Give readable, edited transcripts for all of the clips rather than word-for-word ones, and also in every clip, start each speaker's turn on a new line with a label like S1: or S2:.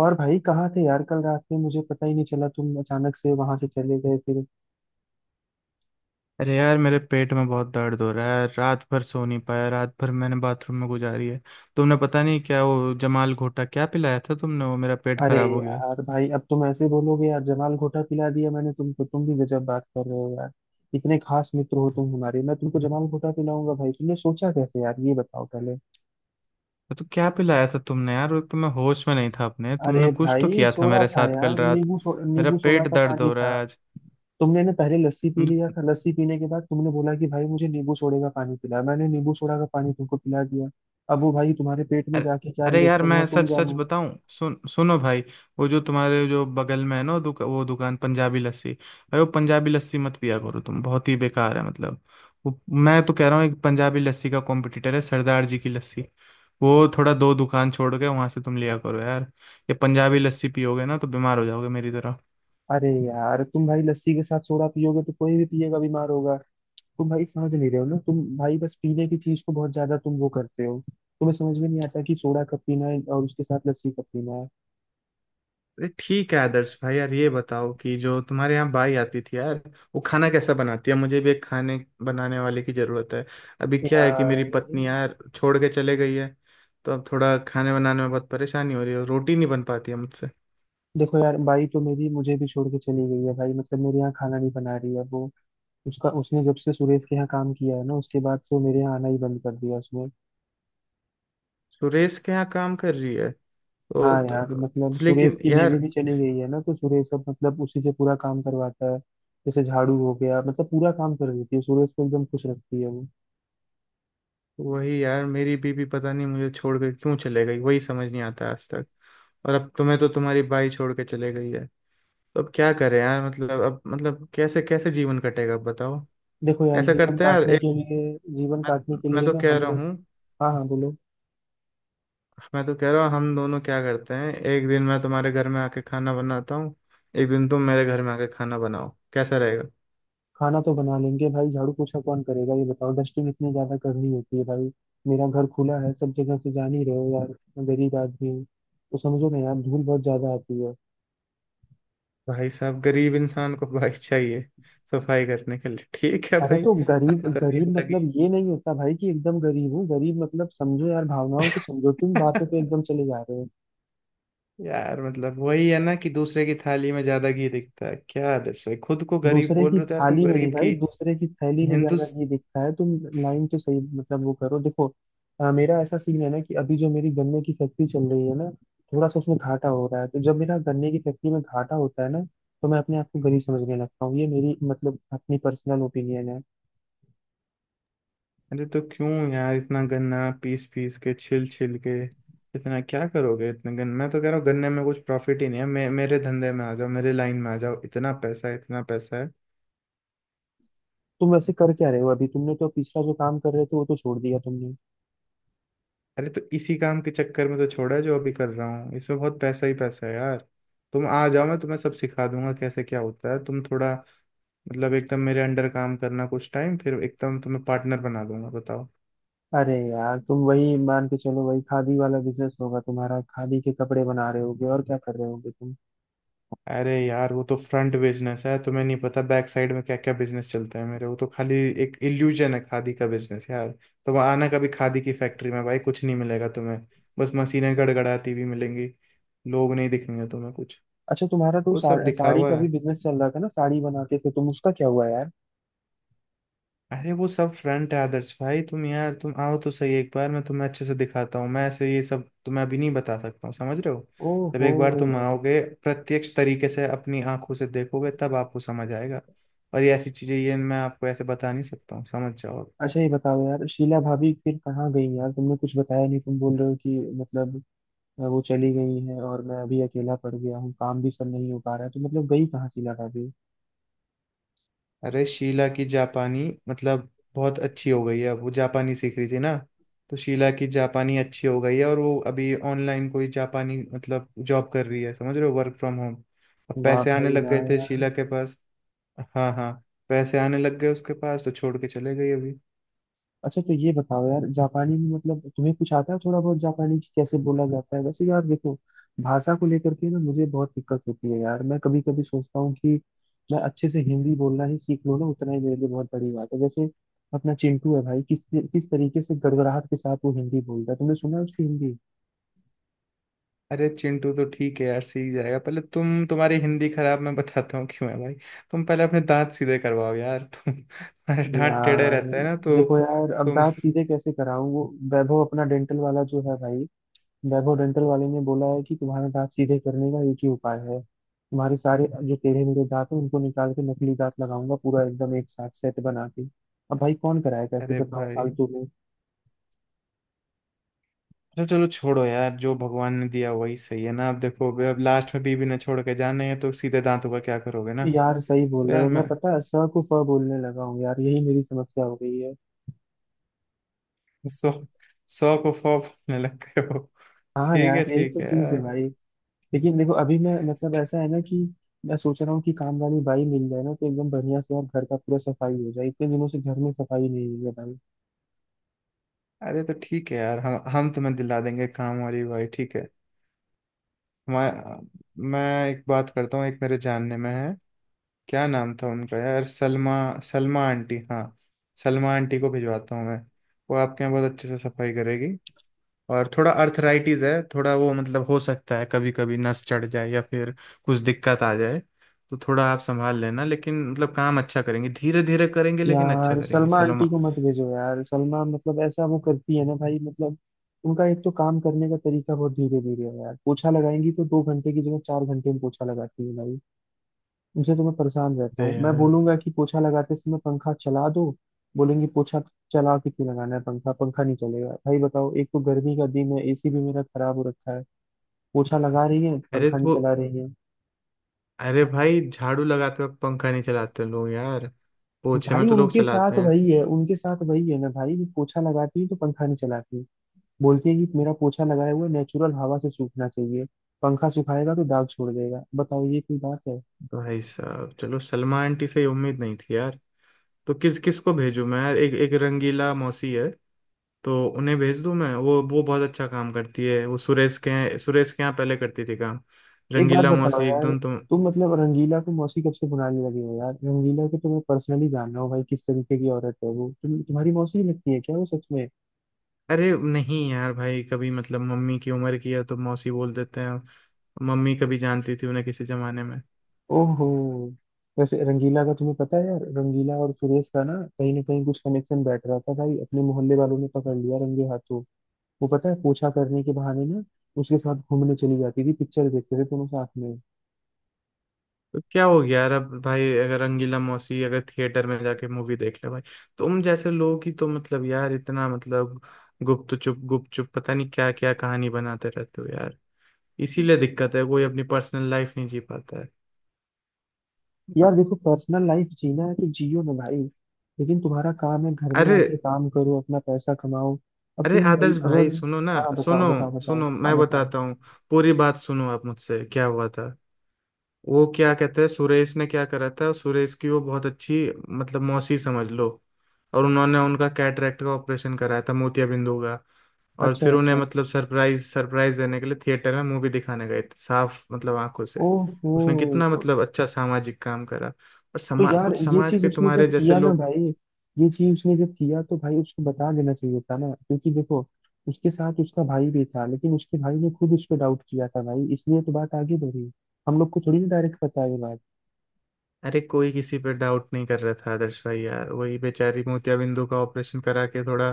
S1: और भाई कहाँ थे यार? कल रात में मुझे पता ही नहीं चला, तुम अचानक से वहां से चले गए फिर।
S2: अरे यार, मेरे पेट में बहुत दर्द हो रहा है। रात भर सो नहीं पाया, रात भर मैंने बाथरूम में गुजारी है। तुमने पता नहीं क्या वो जमाल घोटा क्या पिलाया था तुमने, वो मेरा पेट
S1: अरे
S2: खराब हो गया।
S1: यार, भाई अब तुम ऐसे बोलोगे यार? जमाल घोटा पिला दिया मैंने तुमको? तुम भी गजब बात कर रहे हो यार। इतने खास मित्र हो तुम हमारे, मैं तुमको जमाल घोटा पिलाऊंगा भाई? तुमने सोचा कैसे यार, ये बताओ पहले।
S2: तो क्या पिलाया था तुमने यार? वो तो मैं होश में नहीं था अपने,
S1: अरे
S2: तुमने कुछ तो
S1: भाई,
S2: किया था
S1: सोडा
S2: मेरे
S1: था
S2: साथ कल
S1: यार।
S2: रात। मेरा
S1: नींबू सोडा
S2: पेट
S1: का
S2: दर्द
S1: पानी
S2: हो
S1: था।
S2: रहा है आज।
S1: तुमने ना पहले लस्सी पी लिया था, लस्सी पीने के बाद तुमने बोला कि भाई मुझे नींबू सोडे का पानी पिला, मैंने नींबू सोडा का पानी तुमको पिला दिया। अब वो भाई तुम्हारे पेट में
S2: अरे,
S1: जाके क्या
S2: अरे यार
S1: रिएक्शन हुआ,
S2: मैं
S1: तुम
S2: सच सच
S1: जानो।
S2: बताऊं, सुनो भाई। वो जो तुम्हारे जो बगल में है ना, वो वो दुकान पंजाबी लस्सी, भाई वो पंजाबी लस्सी मत पिया करो, तुम बहुत ही बेकार है मतलब। वो, मैं तो कह रहा हूँ एक पंजाबी लस्सी का कॉम्पिटिटर है सरदार जी की लस्सी। वो थोड़ा दो दुकान छोड़ के वहां से तुम लिया करो यार। ये पंजाबी लस्सी पियोगे ना तो बीमार हो जाओगे मेरी तरह।
S1: अरे यार, तुम भाई लस्सी के साथ सोडा पियोगे तो कोई भी पिएगा, बीमार होगा। तुम भाई समझ नहीं रहे हो ना, तुम भाई बस पीने की चीज को बहुत ज्यादा तुम वो करते हो, तुम्हें समझ में नहीं आता कि सोडा कब पीना है और उसके साथ लस्सी कब पीना है।
S2: अरे ठीक है आदर्श भाई, यार ये बताओ कि जो तुम्हारे यहाँ बाई आती थी यार, वो खाना कैसा बनाती है? मुझे भी एक खाने बनाने वाले की जरूरत है। अभी क्या है कि मेरी
S1: यार
S2: पत्नी यार छोड़ के चले गई है। तो अब थोड़ा खाने बनाने में बहुत परेशानी हो रही है, रोटी नहीं बन पाती है मुझसे।
S1: देखो, यार बाई तो मेरी मुझे भी छोड़ के चली गई है भाई, मतलब मेरे यहाँ खाना नहीं बना रही है वो। उसका उसने जब से सुरेश के यहाँ काम किया है ना, उसके बाद से वो मेरे यहाँ आना ही बंद कर दिया उसने।
S2: सुरेश के यहाँ काम कर रही है? तो,
S1: हाँ
S2: तो
S1: यार, मतलब
S2: तो
S1: सुरेश
S2: लेकिन
S1: की बीवी
S2: यार,
S1: भी चली गई है ना, तो सुरेश अब मतलब उसी से पूरा काम करवाता है। जैसे झाड़ू हो गया, मतलब पूरा काम कर देती है, सुरेश को एकदम खुश रखती है वो।
S2: वही यार मेरी बीबी पता नहीं मुझे छोड़ के क्यों चले गई, वही समझ नहीं आता आज तक। और अब तुम्हें तो तुम्हारी बाई छोड़ के चले गई है। तो अब क्या करें यार, मतलब अब मतलब कैसे कैसे जीवन कटेगा बताओ।
S1: देखो यार,
S2: ऐसा करते हैं यार, एक,
S1: जीवन काटने
S2: मैं,
S1: के
S2: मैं
S1: लिए
S2: तो
S1: ना
S2: कह
S1: हम
S2: रहा
S1: लोग।
S2: हूँ,
S1: हाँ हाँ, बोलो।
S2: मैं तो कह रहा हूँ हम दोनों क्या करते हैं, एक दिन मैं तुम्हारे घर में आके खाना बनाता हूँ, एक दिन तुम मेरे घर में आके खाना बनाओ, कैसा रहेगा?
S1: खाना तो बना लेंगे भाई, झाड़ू पोछा कौन करेगा ये बताओ? डस्टिंग इतनी ज्यादा करनी होती है भाई। मेरा घर खुला है सब जगह से, जान ही रहे हो यार, मैं गरीब आदमी हूँ। तो समझो ना यार, धूल बहुत ज्यादा आती है।
S2: भाई साहब, गरीब इंसान को भाई चाहिए सफाई करने के लिए, ठीक है
S1: अरे
S2: भाई।
S1: तो गरीब
S2: आपका भी
S1: गरीब
S2: अलग ही
S1: मतलब ये नहीं होता भाई कि एकदम गरीब हूँ, गरीब मतलब समझो यार, भावनाओं को समझो, तुम बातों पे एकदम चले जा रहे हो।
S2: यार, मतलब वही है ना कि दूसरे की थाली में ज्यादा घी दिखता है। क्या आदर्श भाई, खुद को गरीब
S1: दूसरे
S2: बोल
S1: की
S2: रहे हो तो यार, तुम
S1: थाली में नहीं
S2: गरीब की
S1: भाई, दूसरे की थैली में
S2: हिंदू।
S1: ज्यादा घी दिखता है तुम। लाइन तो सही, मतलब वो करो देखो। मेरा ऐसा सीन है ना कि अभी जो मेरी गन्ने की फैक्ट्री चल रही है ना, थोड़ा सा उसमें घाटा हो रहा है। तो जब मेरा गन्ने की फैक्ट्री में घाटा होता है ना, तो मैं अपने आप को गरीब समझने लगता हूँ। ये मेरी मतलब अपनी पर्सनल ओपिनियन है।
S2: अरे तो क्यों यार इतना गन्ना पीस पीस के छिल छिल के, इतना क्या करोगे इतने गन्ने? मैं तो कह रहा हूँ गन्ने में कुछ प्रॉफिट ही नहीं है। मेरे धंधे में आ जाओ, मेरे लाइन में आ जाओ, इतना पैसा है, इतना पैसा है।
S1: तुम वैसे कर क्या रहे हो अभी? तुमने तो पिछला जो काम कर रहे थे वो तो छोड़ दिया तुमने।
S2: अरे तो इसी काम के चक्कर में तो छोड़ा है, जो अभी कर रहा हूँ इसमें बहुत पैसा ही पैसा है यार। तुम आ जाओ, मैं तुम्हें सब सिखा दूंगा कैसे क्या होता है। तुम थोड़ा, मतलब एकदम मेरे अंडर काम करना कुछ टाइम, फिर एकदम तुम्हें पार्टनर बना दूंगा, बताओ।
S1: अरे यार, तुम वही मान के चलो, वही खादी वाला बिजनेस होगा तुम्हारा, खादी के कपड़े बना रहे होगे, और क्या कर रहे होगे तुम?
S2: अरे यार वो तो फ्रंट बिजनेस है, तुम्हें नहीं पता बैक साइड में क्या क्या बिजनेस चलते हैं मेरे। वो तो खाली एक इल्यूजन है खादी का बिजनेस यार। तुम आना कभी खादी की फैक्ट्री में, भाई कुछ नहीं मिलेगा तुम्हें, बस मशीनें गड़गड़ाती हुई मिलेंगी, लोग नहीं दिखेंगे तुम्हें कुछ।
S1: अच्छा, तुम्हारा तो
S2: वो सब
S1: सा, साड़ी
S2: दिखावा
S1: का भी
S2: है।
S1: बिजनेस चल रहा था ना, साड़ी बनाते थे तुम, उसका क्या हुआ यार?
S2: अरे वो सब फ्रंट है आदर्श भाई, तुम यार तुम आओ तो सही एक बार, मैं तुम्हें अच्छे से दिखाता हूँ। मैं ऐसे ये सब तुम्हें अभी नहीं बता सकता हूँ, समझ रहे हो? जब
S1: ओहो।
S2: एक बार तुम आओगे, प्रत्यक्ष तरीके से अपनी आंखों से देखोगे, तब आपको समझ आएगा। और ये ऐसी चीजें ये मैं आपको ऐसे बता नहीं सकता हूँ, समझ जाओ।
S1: अच्छा ये बताओ यार, शीला भाभी फिर कहाँ गई यार? तुमने कुछ बताया नहीं, तुम बोल रहे हो कि मतलब वो चली गई है और मैं अभी अकेला पड़ गया हूँ, काम भी सब नहीं हो पा रहा है, तो मतलब गई कहाँ शीला भाभी?
S2: अरे शीला की जापानी मतलब बहुत अच्छी हो गई है। अब वो जापानी सीख रही थी ना, तो शीला की जापानी अच्छी हो गई है और वो अभी ऑनलाइन कोई जापानी मतलब जॉब कर रही है, समझ रहे हो, वर्क फ्रॉम होम। अब
S1: वाह
S2: पैसे आने
S1: भाई
S2: लग गए
S1: वाह
S2: थे
S1: यार।
S2: शीला के पास। हाँ हाँ, पैसे आने लग गए उसके पास तो छोड़ के चले गई अभी।
S1: अच्छा तो ये बताओ यार, जापानी में मतलब तुम्हें कुछ आता है थोड़ा बहुत जापानी की कैसे बोला जाता है? वैसे यार देखो, भाषा को लेकर के ना मुझे बहुत दिक्कत होती है यार। मैं कभी कभी सोचता हूँ कि मैं अच्छे से हिंदी बोलना ही सीख लूँ ना, उतना ही मेरे लिए बहुत बड़ी बात है। जैसे अपना चिंटू है भाई, किस किस तरीके से गड़गड़ाहट के साथ वो हिंदी बोलता है, तुमने सुना है उसकी हिंदी?
S2: अरे चिंटू तो ठीक है यार, सीख जाएगा। पहले तुम, तुम्हारी हिंदी खराब, मैं बताता हूँ क्यों है भाई। तुम पहले अपने दांत सीधे करवाओ यार तुम। अरे दांत टेढ़े
S1: यार
S2: रहते हैं ना तो।
S1: देखो यार, अब
S2: तुम,
S1: दांत सीधे कैसे कराऊं वो? वैभव अपना डेंटल वाला जो है भाई, वैभव डेंटल वाले ने बोला है कि तुम्हारे दांत सीधे करने का एक ही उपाय है, तुम्हारे सारे जो टेढ़े मेढ़े दांत हैं उनको निकाल के नकली दांत लगाऊंगा पूरा एकदम एक साथ सेट बना के। अब भाई कौन कराएगा ऐसे
S2: अरे
S1: बताओ,
S2: भाई,
S1: फालतू में?
S2: अच्छा चलो छोड़ो यार, जो भगवान ने दिया वही सही है ना। अब देखो, अब लास्ट में बीवी ने छोड़ के जाना है तो सीधे दांतों का क्या करोगे ना?
S1: यार सही बोल
S2: तो
S1: रहे
S2: यार
S1: हो, मैं
S2: मैं,
S1: पता है स को फ बोलने लगा हूँ यार, यही मेरी समस्या हो गई है।
S2: सौ, सौ को फॉ बोलने लग गए हो?
S1: हाँ यार, यही
S2: ठीक
S1: तो
S2: है
S1: चीज है
S2: यार।
S1: भाई। लेकिन देखो अभी मैं मतलब ऐसा है ना कि मैं सोच रहा हूँ कि काम वाली बाई मिल जाए ना, तो एकदम बढ़िया से यार घर का पूरा सफाई हो जाए, इतने दिनों से घर में सफाई नहीं हुई है भाई।
S2: अरे तो ठीक है यार, हम तुम्हें दिला देंगे काम वाली, भाई ठीक है। मैं मैं एक बात करता हूँ, एक मेरे जानने में है। क्या नाम था उनका यार, सलमा, सलमा आंटी, हाँ। सलमा आंटी को भिजवाता हूँ मैं, वो आपके यहाँ बहुत अच्छे से सफाई करेगी। और थोड़ा अर्थराइटिस है थोड़ा, वो मतलब हो सकता है कभी कभी नस चढ़ जाए या फिर कुछ दिक्कत आ जाए, तो थोड़ा आप संभाल लेना। लेकिन मतलब काम अच्छा करेंगे, धीरे धीरे करेंगे लेकिन अच्छा
S1: यार
S2: करेंगे
S1: सलमा आंटी
S2: सलमा।
S1: को मत भेजो यार, सलमा मतलब ऐसा वो करती है ना भाई, मतलब उनका एक तो काम करने का तरीका बहुत धीरे धीरे है यार, पोछा लगाएंगी तो दो घंटे की जगह चार घंटे में पोछा लगाती है भाई। उनसे तो मैं परेशान रहता
S2: अरे
S1: हूँ, मैं
S2: यार,
S1: बोलूंगा कि पोछा लगाते समय पंखा चला दो, बोलेंगी पोछा चला के क्यों लगाना है पंखा, पंखा नहीं चलेगा भाई बताओ। एक तो गर्मी का दिन है, एसी भी मेरा खराब हो रखा है, पोछा लगा रही है
S2: अरे
S1: पंखा नहीं
S2: तो,
S1: चला रही है।
S2: अरे भाई झाड़ू लगाते वक्त पंखा नहीं चलाते लोग यार, पोछे में
S1: भाई
S2: तो लोग चलाते हैं।
S1: उनके साथ वही है ना भाई, पोछा लगाती है तो पंखा नहीं चलाती है। बोलती है कि मेरा पोछा लगाए हुए नेचुरल हवा से सूखना चाहिए, पंखा सुखाएगा तो दाग छोड़ देगा, बताओ ये कोई बात है?
S2: भाई साहब, चलो सलमा आंटी से ये उम्मीद नहीं थी यार। तो किस किस को भेजूं मैं यार? एक एक रंगीला मौसी है, तो उन्हें भेज दूं मैं? वो बहुत अच्छा काम करती है। वो सुरेश के यहाँ पहले करती थी काम,
S1: एक बात
S2: रंगीला
S1: बताओ
S2: मौसी
S1: यार,
S2: एकदम, तुम।
S1: तुम मतलब रंगीला को मौसी कब से बुलाने लगे हो यार? रंगीला को तो मैं पर्सनली जान रहा हूँ भाई, किस तरीके की औरत है वो, तुम तुम्हारी मौसी ही लगती है क्या वो सच में?
S2: अरे नहीं यार भाई, कभी मतलब मम्मी की उम्र की है तो मौसी बोल देते हैं। मम्मी कभी जानती थी उन्हें किसी जमाने में।
S1: ओहो। वैसे रंगीला का तुम्हें पता है यार, रंगीला और सुरेश का ना कहीं कुछ कनेक्शन बैठ रहा था भाई, अपने मोहल्ले वालों ने पकड़ लिया रंगे हाथों। वो पता है पोछा करने के बहाने ना उसके साथ घूमने चली जाती थी, पिक्चर देखते थे दोनों साथ में।
S2: तो क्या हो गया यार अब भाई, अगर रंगीला मौसी अगर थिएटर में जाके मूवी देख ले भाई, तुम जैसे लोगों की तो मतलब यार इतना मतलब गुप्त चुप पता नहीं क्या क्या कहानी बनाते रहते हो यार। इसीलिए दिक्कत है, कोई अपनी पर्सनल लाइफ नहीं जी पाता है।
S1: यार देखो, पर्सनल लाइफ जीना है तो जियो ना भाई, लेकिन तुम्हारा काम है घर में
S2: अरे,
S1: आके काम करो, अपना पैसा कमाओ। अब
S2: अरे
S1: तुम भाई
S2: आदर्श भाई
S1: अगर।
S2: सुनो ना,
S1: हाँ बताओ
S2: सुनो,
S1: बताओ बताओ,
S2: सुनो
S1: हाँ
S2: मैं
S1: बताओ।
S2: बताता हूँ, पूरी बात सुनो आप मुझसे। क्या हुआ था वो क्या कहते हैं, सुरेश ने क्या करा था, सुरेश की वो बहुत अच्छी मतलब मौसी समझ लो, और उन्होंने उनका कैटरेक्ट का ऑपरेशन कराया था, मोतियाबिंद हो गया। और
S1: अच्छा
S2: फिर उन्हें
S1: अच्छा।
S2: मतलब सरप्राइज सरप्राइज देने के लिए थिएटर में मूवी दिखाने गए थे, साफ मतलब आंखों से।
S1: ओहो
S2: उसने कितना
S1: तो।
S2: मतलब अच्छा सामाजिक काम करा, और
S1: तो
S2: समा
S1: यार
S2: कुछ
S1: ये
S2: समाज
S1: चीज
S2: के
S1: उसने
S2: तुम्हारे
S1: जब
S2: जैसे
S1: किया ना
S2: लोग।
S1: भाई, ये चीज उसने जब किया तो भाई उसको बता देना चाहिए था ना, क्योंकि देखो उसके साथ उसका भाई भी था, लेकिन उसके भाई ने खुद उस पर डाउट किया था भाई, इसलिए तो बात आगे बढ़ी। हम लोग को थोड़ी ना डायरेक्ट पता है ये बात।
S2: अरे कोई किसी पे डाउट नहीं कर रहा था आदर्श भाई यार, वही बेचारी मोतियाबिंदु का ऑपरेशन करा के थोड़ा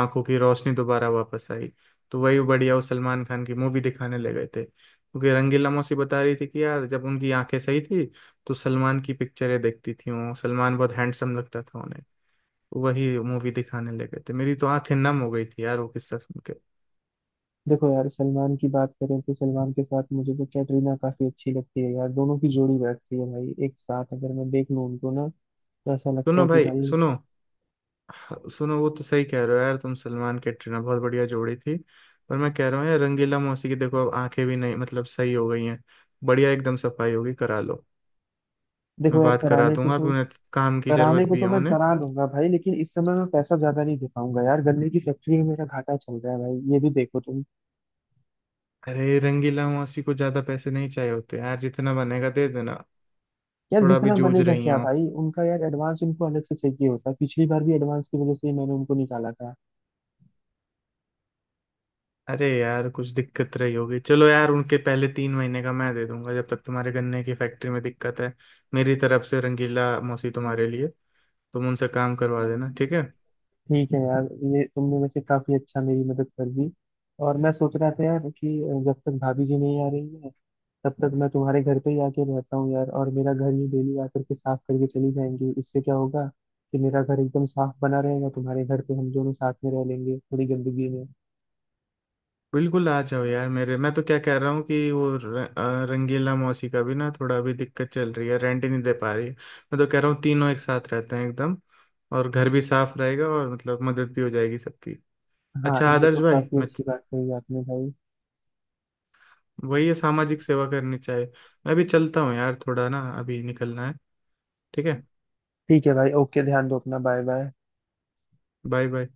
S2: आंखों की रोशनी दोबारा वापस आई, तो वही बढ़िया वो सलमान खान की मूवी दिखाने ले गए थे। क्योंकि रंगीला मौसी बता रही थी कि यार जब उनकी आंखें सही थी तो सलमान की पिक्चरें देखती थी वो, सलमान बहुत हैंडसम लगता था उन्हें, वही मूवी दिखाने लगे थे। मेरी तो आंखें नम हो गई थी यार वो किस्सा सुन के।
S1: देखो यार, सलमान की बात करें तो सलमान के साथ मुझे तो कैटरीना काफी अच्छी लगती है यार, दोनों की जोड़ी बैठती है भाई, एक साथ अगर मैं देख लूं उनको ना तो ऐसा लगता
S2: सुनो
S1: है कि
S2: भाई
S1: भाई।
S2: सुनो, हाँ, सुनो, वो तो सही कह रहे हो यार तुम, सलमान कैटरीना बहुत बढ़िया जोड़ी थी। पर मैं कह रहा हूँ यार, रंगीला मौसी की देखो अब आंखें भी नहीं मतलब सही हो गई हैं, बढ़िया एकदम सफाई होगी, करा लो। मैं
S1: देखो यार
S2: बात करा
S1: कराने को
S2: दूंगा अभी
S1: तो,
S2: उन्हें, काम की जरूरत भी है
S1: मैं
S2: उन्हें।
S1: करा लूंगा भाई, लेकिन इस समय मैं पैसा ज्यादा नहीं दे पाऊंगा यार, गन्ने की फैक्ट्री में मेरा घाटा चल रहा है भाई, ये भी देखो तुम।
S2: अरे रंगीला मौसी को ज्यादा पैसे नहीं चाहिए होते यार, जितना बनेगा दे देना।
S1: यार
S2: थोड़ा भी
S1: जितना
S2: जूझ
S1: बनेगा
S2: रही हैं
S1: क्या
S2: वो।
S1: भाई, उनका यार एडवांस उनको अलग से चाहिए होता है, पिछली बार भी एडवांस की वजह से ही मैंने उनको निकाला था।
S2: अरे यार कुछ दिक्कत रही होगी, चलो यार उनके पहले 3 महीने का मैं दे दूंगा, जब तक तुम्हारे गन्ने की फैक्ट्री में दिक्कत है। मेरी तरफ से रंगीला मौसी तुम्हारे लिए, तुम उनसे काम करवा देना, ठीक है।
S1: ठीक है यार, ये तुमने वैसे काफी अच्छा मेरी मदद कर दी। और मैं सोच रहा था यार कि जब तक भाभी जी नहीं आ रही है, तब तक मैं तुम्हारे घर पे ही आके रहता हूँ यार, और मेरा घर ये डेली आकर के साफ करके चली जाएंगी। इससे क्या होगा कि मेरा घर एकदम साफ बना रहेगा, तुम्हारे घर पे हम दोनों साथ में रह लेंगे थोड़ी गंदगी में।
S2: बिल्कुल आ जाओ यार मेरे, मैं तो क्या कह रहा हूँ कि वो रंगीला मौसी का भी ना थोड़ा अभी दिक्कत चल रही है, रेंट ही नहीं दे पा रही है। मैं तो कह रहा हूँ तीनों एक साथ रहते हैं एकदम, और घर भी साफ रहेगा और मतलब मदद भी हो जाएगी सबकी।
S1: हाँ,
S2: अच्छा
S1: ये तो
S2: आदर्श भाई,
S1: काफी
S2: मैं,
S1: अच्छी बात कही आपने भाई।
S2: वही है सामाजिक सेवा करनी चाहिए। मैं भी चलता हूँ यार थोड़ा, ना अभी निकलना है, ठीक है।
S1: ठीक है भाई, ओके, ध्यान दो अपना, बाय बाय।
S2: Bye bye.